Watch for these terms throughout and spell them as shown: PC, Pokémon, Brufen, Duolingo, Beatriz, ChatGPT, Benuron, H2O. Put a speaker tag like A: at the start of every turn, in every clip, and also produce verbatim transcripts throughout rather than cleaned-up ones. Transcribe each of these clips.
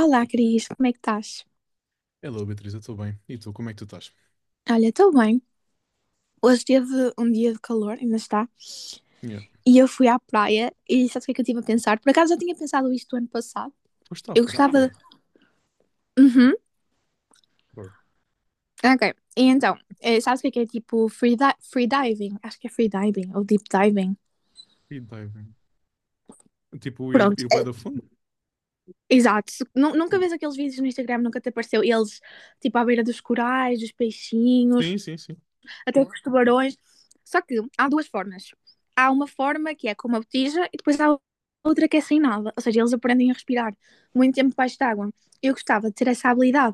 A: Olá, Cris, como é que estás?
B: Hello, Beatriz, eu estou bem. E tu, como é que tu estás?
A: Olha, estou bem. Hoje teve um dia de calor, ainda está,
B: Yeah.
A: e eu fui à praia e sabes o que é que eu estive a pensar? Por acaso já tinha pensado isto ano passado.
B: Foste à
A: Eu
B: praia?
A: gostava de... Uhum,
B: Bro,
A: ok. E então, eh, sabes o que é que é tipo free, di- free diving? Acho que é free diving ou deep diving.
B: free diving. Tipo, ir,
A: Pronto,
B: ir bué
A: eh,
B: da fundo?
A: exato. Nu- Nunca
B: Hum.
A: vês aqueles vídeos no Instagram, nunca te apareceu eles tipo à beira dos corais, dos peixinhos.
B: Sim, sim, sim.
A: Até com os tubarões. Só que há duas formas. Há uma forma que é com uma botija e depois há outra que é sem nada. Ou seja, eles aprendem a respirar muito tempo debaixo de água. Eu gostava de ter essa habilidade.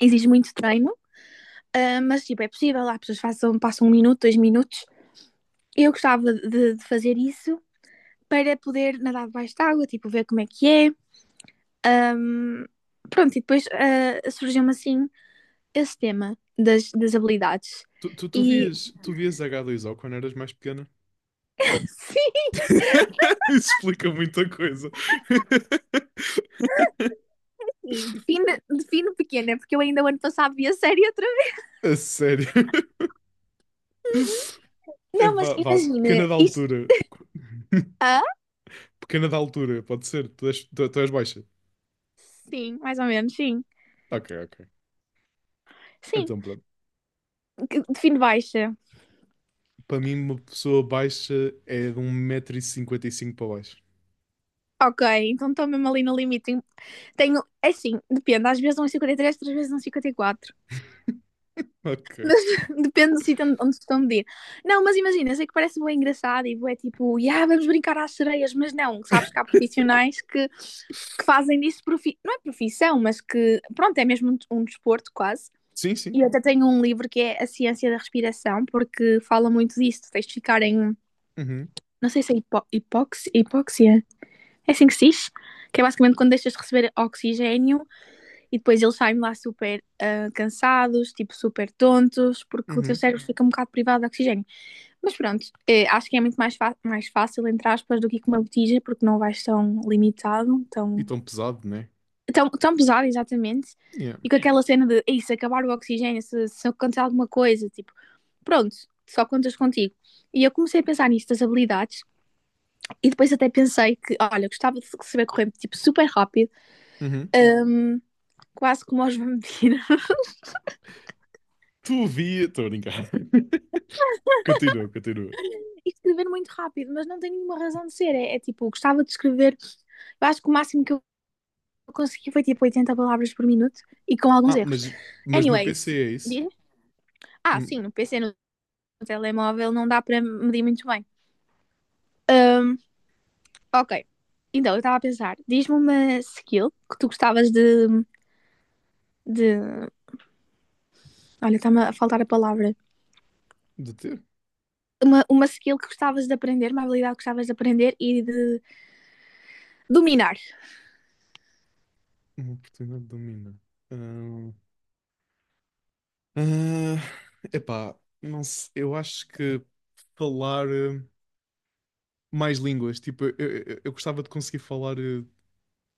A: Exige muito treino, ah, mas tipo, é possível. Há pessoas que façam, passam um minuto, dois minutos. Eu gostava de, de fazer isso para poder nadar debaixo de água, tipo, ver como é que é. Ahm, pronto, e depois ah, surgiu-me assim esse tema das, das habilidades.
B: Tu, tu, tu
A: E
B: vias, tu vias H dois O quando eras mais pequena?
A: sim,
B: Isso explica muita coisa.
A: E define, define pequena, porque eu ainda o ano passado vi a série outra vez.
B: A sério. É,
A: Não, mas
B: vá, vá,
A: imagina,
B: pequena da
A: isto.
B: altura.
A: Ah?
B: Pequena da altura, pode ser. Tu és, tu, tu és baixa.
A: Sim, mais ou menos, sim.
B: Ok, ok.
A: Sim,
B: Então, pronto.
A: que- define baixa.
B: Para mim, uma pessoa baixa é de um metro e cinquenta e cinco para baixo.
A: Ok, então estou mesmo ali no limite. Tenho, é assim, depende, às vezes dão três outras vezes dão quatro
B: Ok.
A: Depende do sítio onde, onde estão a medir. Não, mas imagina, eu sei que parece bem engraçado e é tipo, yeah, vamos brincar às sereias, mas não, sabes que há profissionais que, que fazem disso, profi... não é profissão, mas que, pronto, é mesmo um, um desporto quase.
B: Sim, sim.
A: E eu até tenho um livro que é A Ciência da Respiração, porque fala muito disso. Tens de ficar em,
B: Uhum,
A: não sei se é hipo hipóxia, hipóxia, é assim que se diz, que é basicamente quando deixas de receber oxigênio e depois eles saem lá super ah, cansados, tipo super tontos, porque o teu
B: uhum.
A: cérebro fica um bocado privado de oxigênio. Mas pronto, eh, acho que é muito mais, fa- mais fácil, entre aspas, do que com uma botija, porque não vais tão limitado,
B: E
A: tão,
B: tão pesado, né?
A: tão, tão pesado, exatamente.
B: Yeah.
A: E com aquela cena de, "Ei, se acabar o oxigênio, se, se acontecer alguma coisa, tipo, pronto, só contas contigo. E eu comecei a pensar nisso das habilidades e depois até pensei que, olha, gostava de saber correr tipo super rápido,
B: Uhum.
A: hum, quase como aos vampiros,
B: Tu via. Estou a brincar. Continua, continua.
A: e escrever muito rápido, mas não tem nenhuma razão de ser. É, é tipo, gostava de escrever, eu acho que o máximo que eu consegui foi tipo oitenta palavras por minuto e com alguns
B: Ah,
A: erros.
B: mas, mas no P C
A: Anyways,
B: é isso?
A: diz- ah, sim,
B: Hum.
A: no P C, no telemóvel, não dá para medir muito bem. Hum, ok, então eu estava a pensar, diz-me uma skill que tu gostavas de, de Olha, está-me a faltar a palavra.
B: De ter
A: Uma, uma skill que gostavas de aprender, uma habilidade que gostavas de aprender e de dominar.
B: uma oportunidade de dominar. Ah, ah, epá, não sei, eu acho que falar eh, mais línguas, tipo, eu, eu, eu gostava de conseguir falar eh,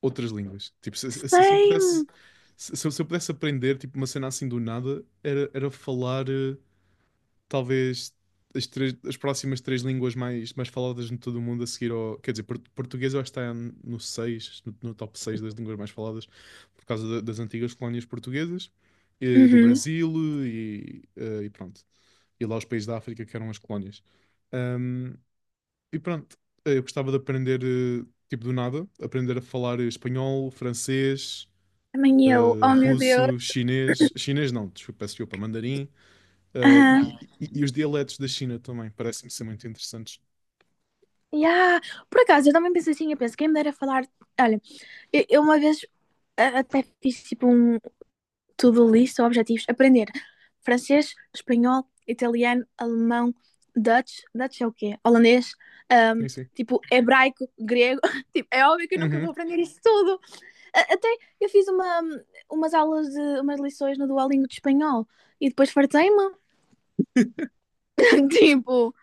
B: outras línguas. Tipo, se, se- se eu pudesse,
A: Same!
B: se, se eu se eu pudesse aprender, tipo, uma cena assim do nada, era, era falar. Eh, talvez as, três- as próximas três línguas mais, mais faladas em todo o mundo a seguir ao. Quer dizer, por- português eu acho que está no seis no, no top seis das línguas mais faladas, por causa da- das antigas colónias portuguesas, eh, do
A: Uhum.
B: Brasil e, eh, e pronto. E lá os países da África que eram as colónias. Ahm, e pronto, eh, eu gostava de aprender, eh, tipo do nada, aprender a falar espanhol, francês,
A: Também eu.
B: eh,
A: Oh, meu Deus.
B: russo, chinês. Chinês não, desculpa, peço desculpa, mandarim. Uh,
A: Aham.
B: e, e- e os dialetos da China também parecem-me ser muito interessantes.
A: Yeah. Por acaso, eu também penso assim, eu penso, quem me dera falar... Olha, eu, eu uma vez a- até fiz tipo um to-do list ou objetivos. Aprender francês, espanhol, italiano, alemão, Dutch. Dutch é o quê? Holandês. ahm,
B: Sim, sim.
A: tipo, hebraico, grego. Tipo, é óbvio que eu nunca vou
B: Uhum.
A: aprender isso tudo. A- Até eu fiz uma, umas aulas de umas lições no Duolingo de espanhol e depois fartei-me. Tipo,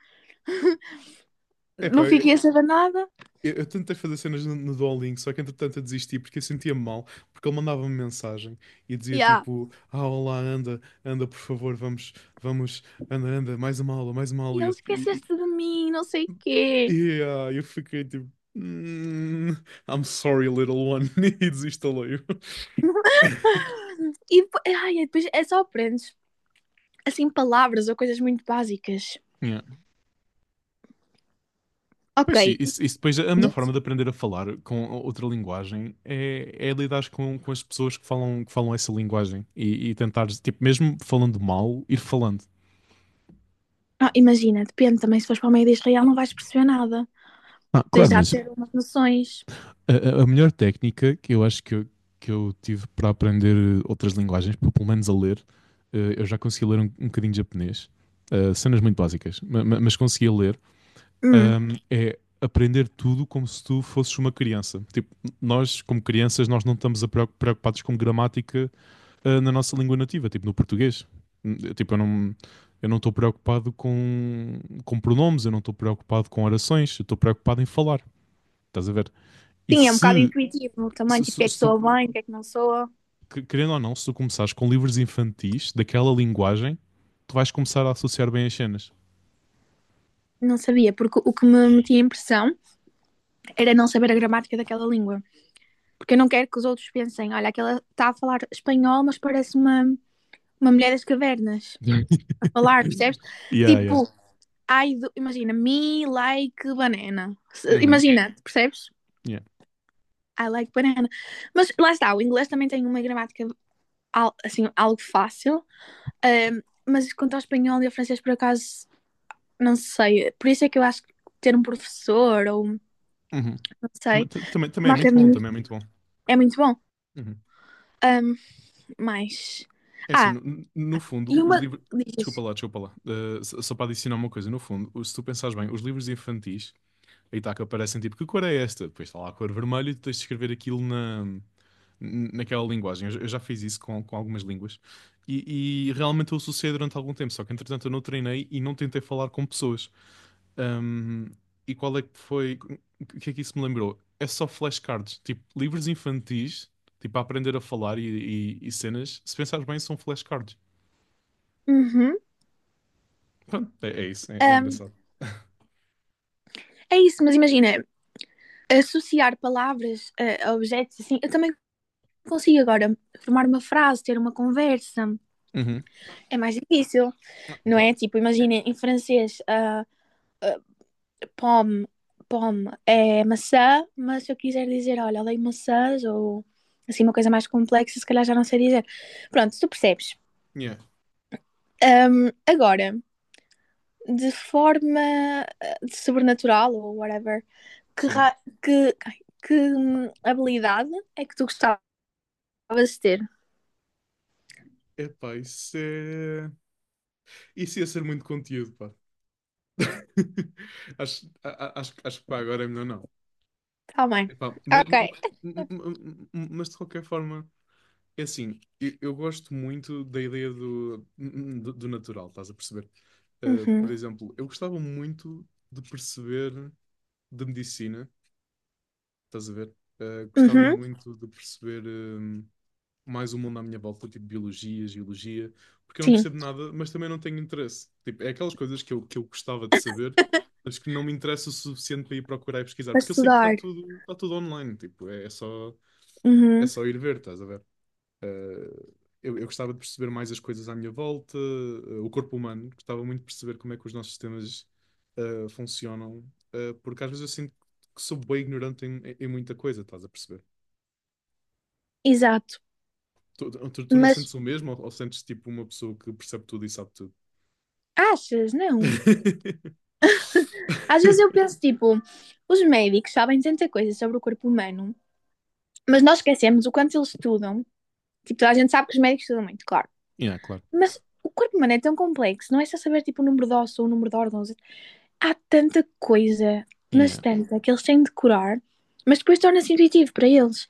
A: não
B: Epá, eu,
A: fiquei a saber nada.
B: eu- eu tentei fazer cenas no, no Duolingo, só que entretanto eu desisti porque eu sentia-me mal, porque ele mandava-me mensagem e dizia
A: Yeah.
B: tipo, ah, olá, anda, anda, por favor, vamos, vamos, anda, anda, mais uma aula, mais uma aula.
A: E
B: E
A: ele
B: eu, e-
A: esqueceste de mim, não sei o
B: e-
A: quê.
B: e, ah, eu fiquei tipo, "Hmm, I'm sorry, little one, e desinstalei-o.
A: E depois, ai, e depois é só aprendes assim palavras ou coisas muito básicas. Ok.
B: Pois sim, isso, isso depois a melhor forma de aprender a falar com outra linguagem é, é lidar com, com as pessoas que falam, que falam essa linguagem e, e tentar, tipo, mesmo falando mal, ir falando.
A: Ah, imagina, depende também se fores para o meio de Israel não vais perceber nada.
B: Ah,
A: Tens
B: claro,
A: já de
B: mas
A: ter umas noções.
B: a, a- a melhor técnica que eu acho que eu, que eu tive para aprender outras linguagens, pelo pelo menos a ler, eh, eu já consegui ler um, um bocadinho de japonês, eh, cenas muito básicas, ma- ma- mas conseguia ler,
A: Hum.
B: ahm, é aprender tudo como se tu fosses uma criança. Tipo, nós, como crianças, nós não estamos a preocu- preocupados com gramática ah, na nossa língua nativa, tipo no português. Hum, Tipo, eu não eu não estou preocupado com, com pronomes, eu não estou preocupado com orações, eu estou preocupado em falar. Estás a ver? E
A: Sim, é um bocado
B: se,
A: intuitivo também,
B: se,
A: tipo, o que
B: se-
A: é que
B: se tu,
A: soa bem, o que é que não soa.
B: querendo ou não, se tu começares com livros infantis daquela linguagem, tu vais começar a associar bem as cenas.
A: Não sabia, porque o que me metia impressão era não saber a gramática daquela língua. Porque eu não quero que os outros pensem, olha, aquela está a falar espanhol, mas parece uma, uma mulher das cavernas a falar, percebes?
B: Yeah, yeah.
A: Tipo, I do- imagina, me like banana.
B: Uhum,
A: Imagina, percebes?
B: yeah.
A: I like banana. Mas lá está, o inglês também tem uma gramática assim, algo fácil, ahm, mas quanto ao espanhol e ao francês, por acaso, não sei. Por isso é que eu acho que ter um professor ou,
B: Uhum.
A: não
B: Também,
A: sei,
B: também, também é
A: uma
B: muito bom,
A: academia
B: também é muito bom.
A: é muito bom.
B: Uhum.
A: Ahm, mas.
B: É assim,
A: Ah,
B: no, no
A: e
B: fundo, os
A: uma.
B: livros.
A: Diz
B: Desculpa
A: isso.
B: lá, desculpa lá. Eh, só só para adicionar uma coisa, no fundo, se tu pensares bem, os livros infantis, aí está que aparecem tipo, que cor é esta? Depois está lá a cor vermelha e tu tens de escrever aquilo na, naquela linguagem. Eu, já eu já fiz isso com, com algumas línguas e, e realmente eu associei durante algum tempo, só que entretanto eu não treinei e não tentei falar com pessoas. Ahm, e qual é que foi. O que é que isso me lembrou? É só flashcards, tipo, livros infantis, tipo, a aprender a falar e, e e cenas, se pensares bem, são flashcards.
A: Uhum.
B: Pronto, é, é isso, é, é
A: Ahm,
B: engraçado.
A: é isso, mas imagina, associar palavras eh, a objetos assim, eu também consigo agora formar uma frase, ter uma conversa.
B: Uhum.
A: É mais difícil,
B: Ah,
A: não
B: claro.
A: é? Tipo, imagina, em francês, ah, pomme, pomme é maçã, mas se eu quiser dizer, olha, odeio maçãs ou assim, uma coisa mais complexa, se calhar já não sei dizer. Pronto, tu percebes.
B: Yeah,
A: Agora, de forma eh, sobrenatural ou whatever, que,
B: sim.
A: ra- que, ai, que hum, habilidade é que tu gostavas de ter?
B: Epá, isso é. Isso ia ser muito conteúdo, pá. Acho, a- a- acho, acho que pá, agora é melhor não.
A: Tá bem.
B: Epá, ma-
A: Ok.
B: mas, de qualquer forma, é assim, eu, eu gosto muito da ideia do, do, do natural, estás a perceber? Uh, por
A: Uhum.
B: exemplo, eu gostava muito de perceber de medicina, estás a ver? Uh, gostava
A: Uhum.
B: muito de perceber. Um, mais o mundo à minha volta, tipo biologia, geologia, porque eu não
A: Sim,
B: percebo nada, mas também não tenho interesse. Tipo, é aquelas coisas que eu, que eu gostava de saber, mas que não me interessa o suficiente para ir procurar e pesquisar,
A: para
B: porque eu sei que está
A: estudar.
B: tudo, está tudo online, tipo, é, é só, é
A: Uhum.
B: só ir ver, estás a ver? Eh, eu, eu gostava de perceber mais as coisas à minha volta, eh, o corpo humano, gostava muito de perceber como é que os nossos sistemas eh, funcionam, eh, porque às vezes eu sinto que sou bem ignorante em, em muita coisa, estás a perceber?
A: Exato.
B: Tu, tu, tu não sentes
A: Mas
B: o mesmo ou, ou sentes tipo uma pessoa que percebe tudo e sabe tudo?
A: achas, não? Às vezes eu penso, tipo, os médicos sabem tanta coisa sobre o corpo humano. Mas nós esquecemos o quanto eles estudam. Tipo, toda a gente sabe que os médicos estudam muito, claro.
B: Yeah, claro.
A: Mas o corpo humano é tão complexo, não é só saber tipo o número de ossos ou o número de órgãos. Há tanta coisa, mas
B: Yeah.
A: tanta, que eles têm de curar, mas depois torna-se intuitivo para eles.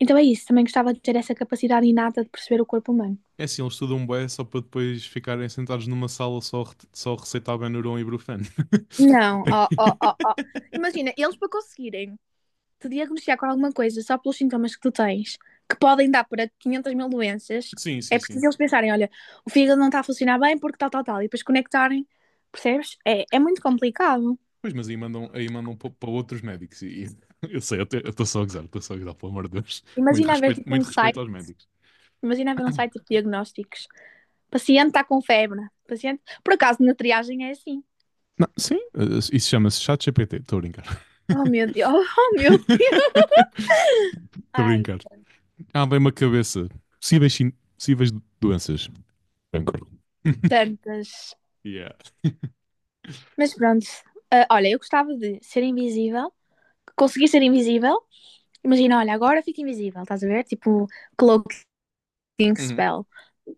A: Então é isso, também gostava de ter essa capacidade inata de perceber o corpo humano.
B: É assim, eles estudam bué só para depois ficarem sentados numa sala só, re- só a receitar Benuron e Brufen.
A: Não, ó, ó, ó, ó. Imagina, eles para conseguirem te diagnosticar com alguma coisa só pelos sintomas que tu tens, que podem dar para 500 mil doenças,
B: Sim, sim,
A: é
B: sim.
A: preciso eles pensarem: olha, o fígado não está a funcionar bem porque tal, tal, tal, e depois conectarem, percebes? É, é muito complicado.
B: Pois, mas aí mandam, aí mandam para, para outros médicos. E, e- eu sei, eu estou só a gozar, estou só a gozar, pelo amor de Deus. Muito
A: Imagina haver
B: respeito,
A: tipo um
B: muito respeito
A: site,
B: aos médicos.
A: imagina haver um site de diagnósticos. Paciente está com febre, paciente. Por acaso na triagem é assim.
B: Não, sim, eh, isso chama-se ChatGPT, estou a brincar.
A: Oh meu Deus, oh meu Deus.
B: Estou a
A: Ai,
B: brincar. Ah, bem uma cabeça. Possíveis, sin- possíveis doenças. Cancro.
A: tantas.
B: Yeah.
A: Mas pronto, ah, olha, eu gostava de ser invisível, conseguir ser invisível. Imagina, olha, agora fico invisível, estás a ver? Tipo, cloak Think
B: Uhum.
A: Spell.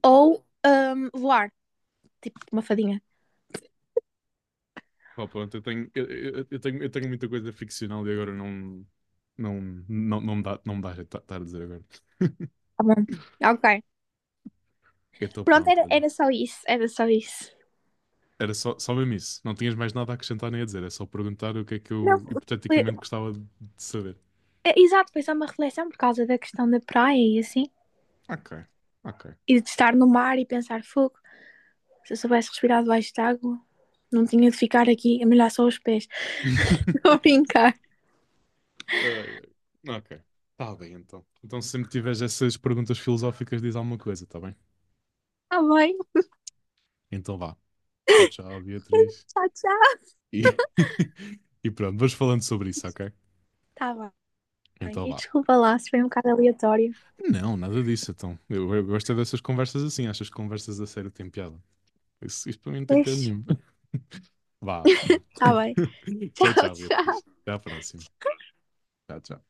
A: Ou ahm, voar, tipo uma fadinha.
B: Pá, pronto, eu tenho, eu, eu- eu tenho, eu tenho muita coisa ficcional e agora não, não, não, não me dá, não me dá jeito de estar a dizer agora.
A: Tá bom. Ok.
B: Então
A: Pronto,
B: pronto,
A: era,
B: olha.
A: era só isso, era só isso.
B: Era só, só mesmo isso. Não tinhas mais nada a acrescentar nem a dizer. É só perguntar o que é que
A: Não,
B: eu
A: foi-
B: hipoteticamente gostava de de saber.
A: é, exato, foi só uma reflexão por causa da questão da praia e assim.
B: Ok, ok.
A: E de estar no mar e pensar fogo. Se eu soubesse respirar debaixo de água, não tinha de ficar aqui a molhar só os pés. Estou brincar.
B: Ai, ai. Ok. Tá bem, então. Então, se sempre tiveres essas perguntas filosóficas, diz alguma coisa, tá bem?
A: Tá bem.
B: Então vá. Tchau, tchau, Beatriz.
A: Tchau, tchau.
B: E, e pronto, vamos falando sobre isso, ok?
A: Tá bem.
B: Então
A: E
B: vá.
A: desculpa lá se foi um bocado aleatório.
B: Não, nada disso, então. Eu, eu gosto é dessas conversas assim. Achas que conversas a sério têm piada? Isso, isso para mim não tem piada
A: Pois,
B: nenhuma. Vá, vá.
A: tá bem.
B: Tchau,
A: Tchau,
B: tchau, Beatriz.
A: tchau.
B: Até à próxima. Tchau, tchau.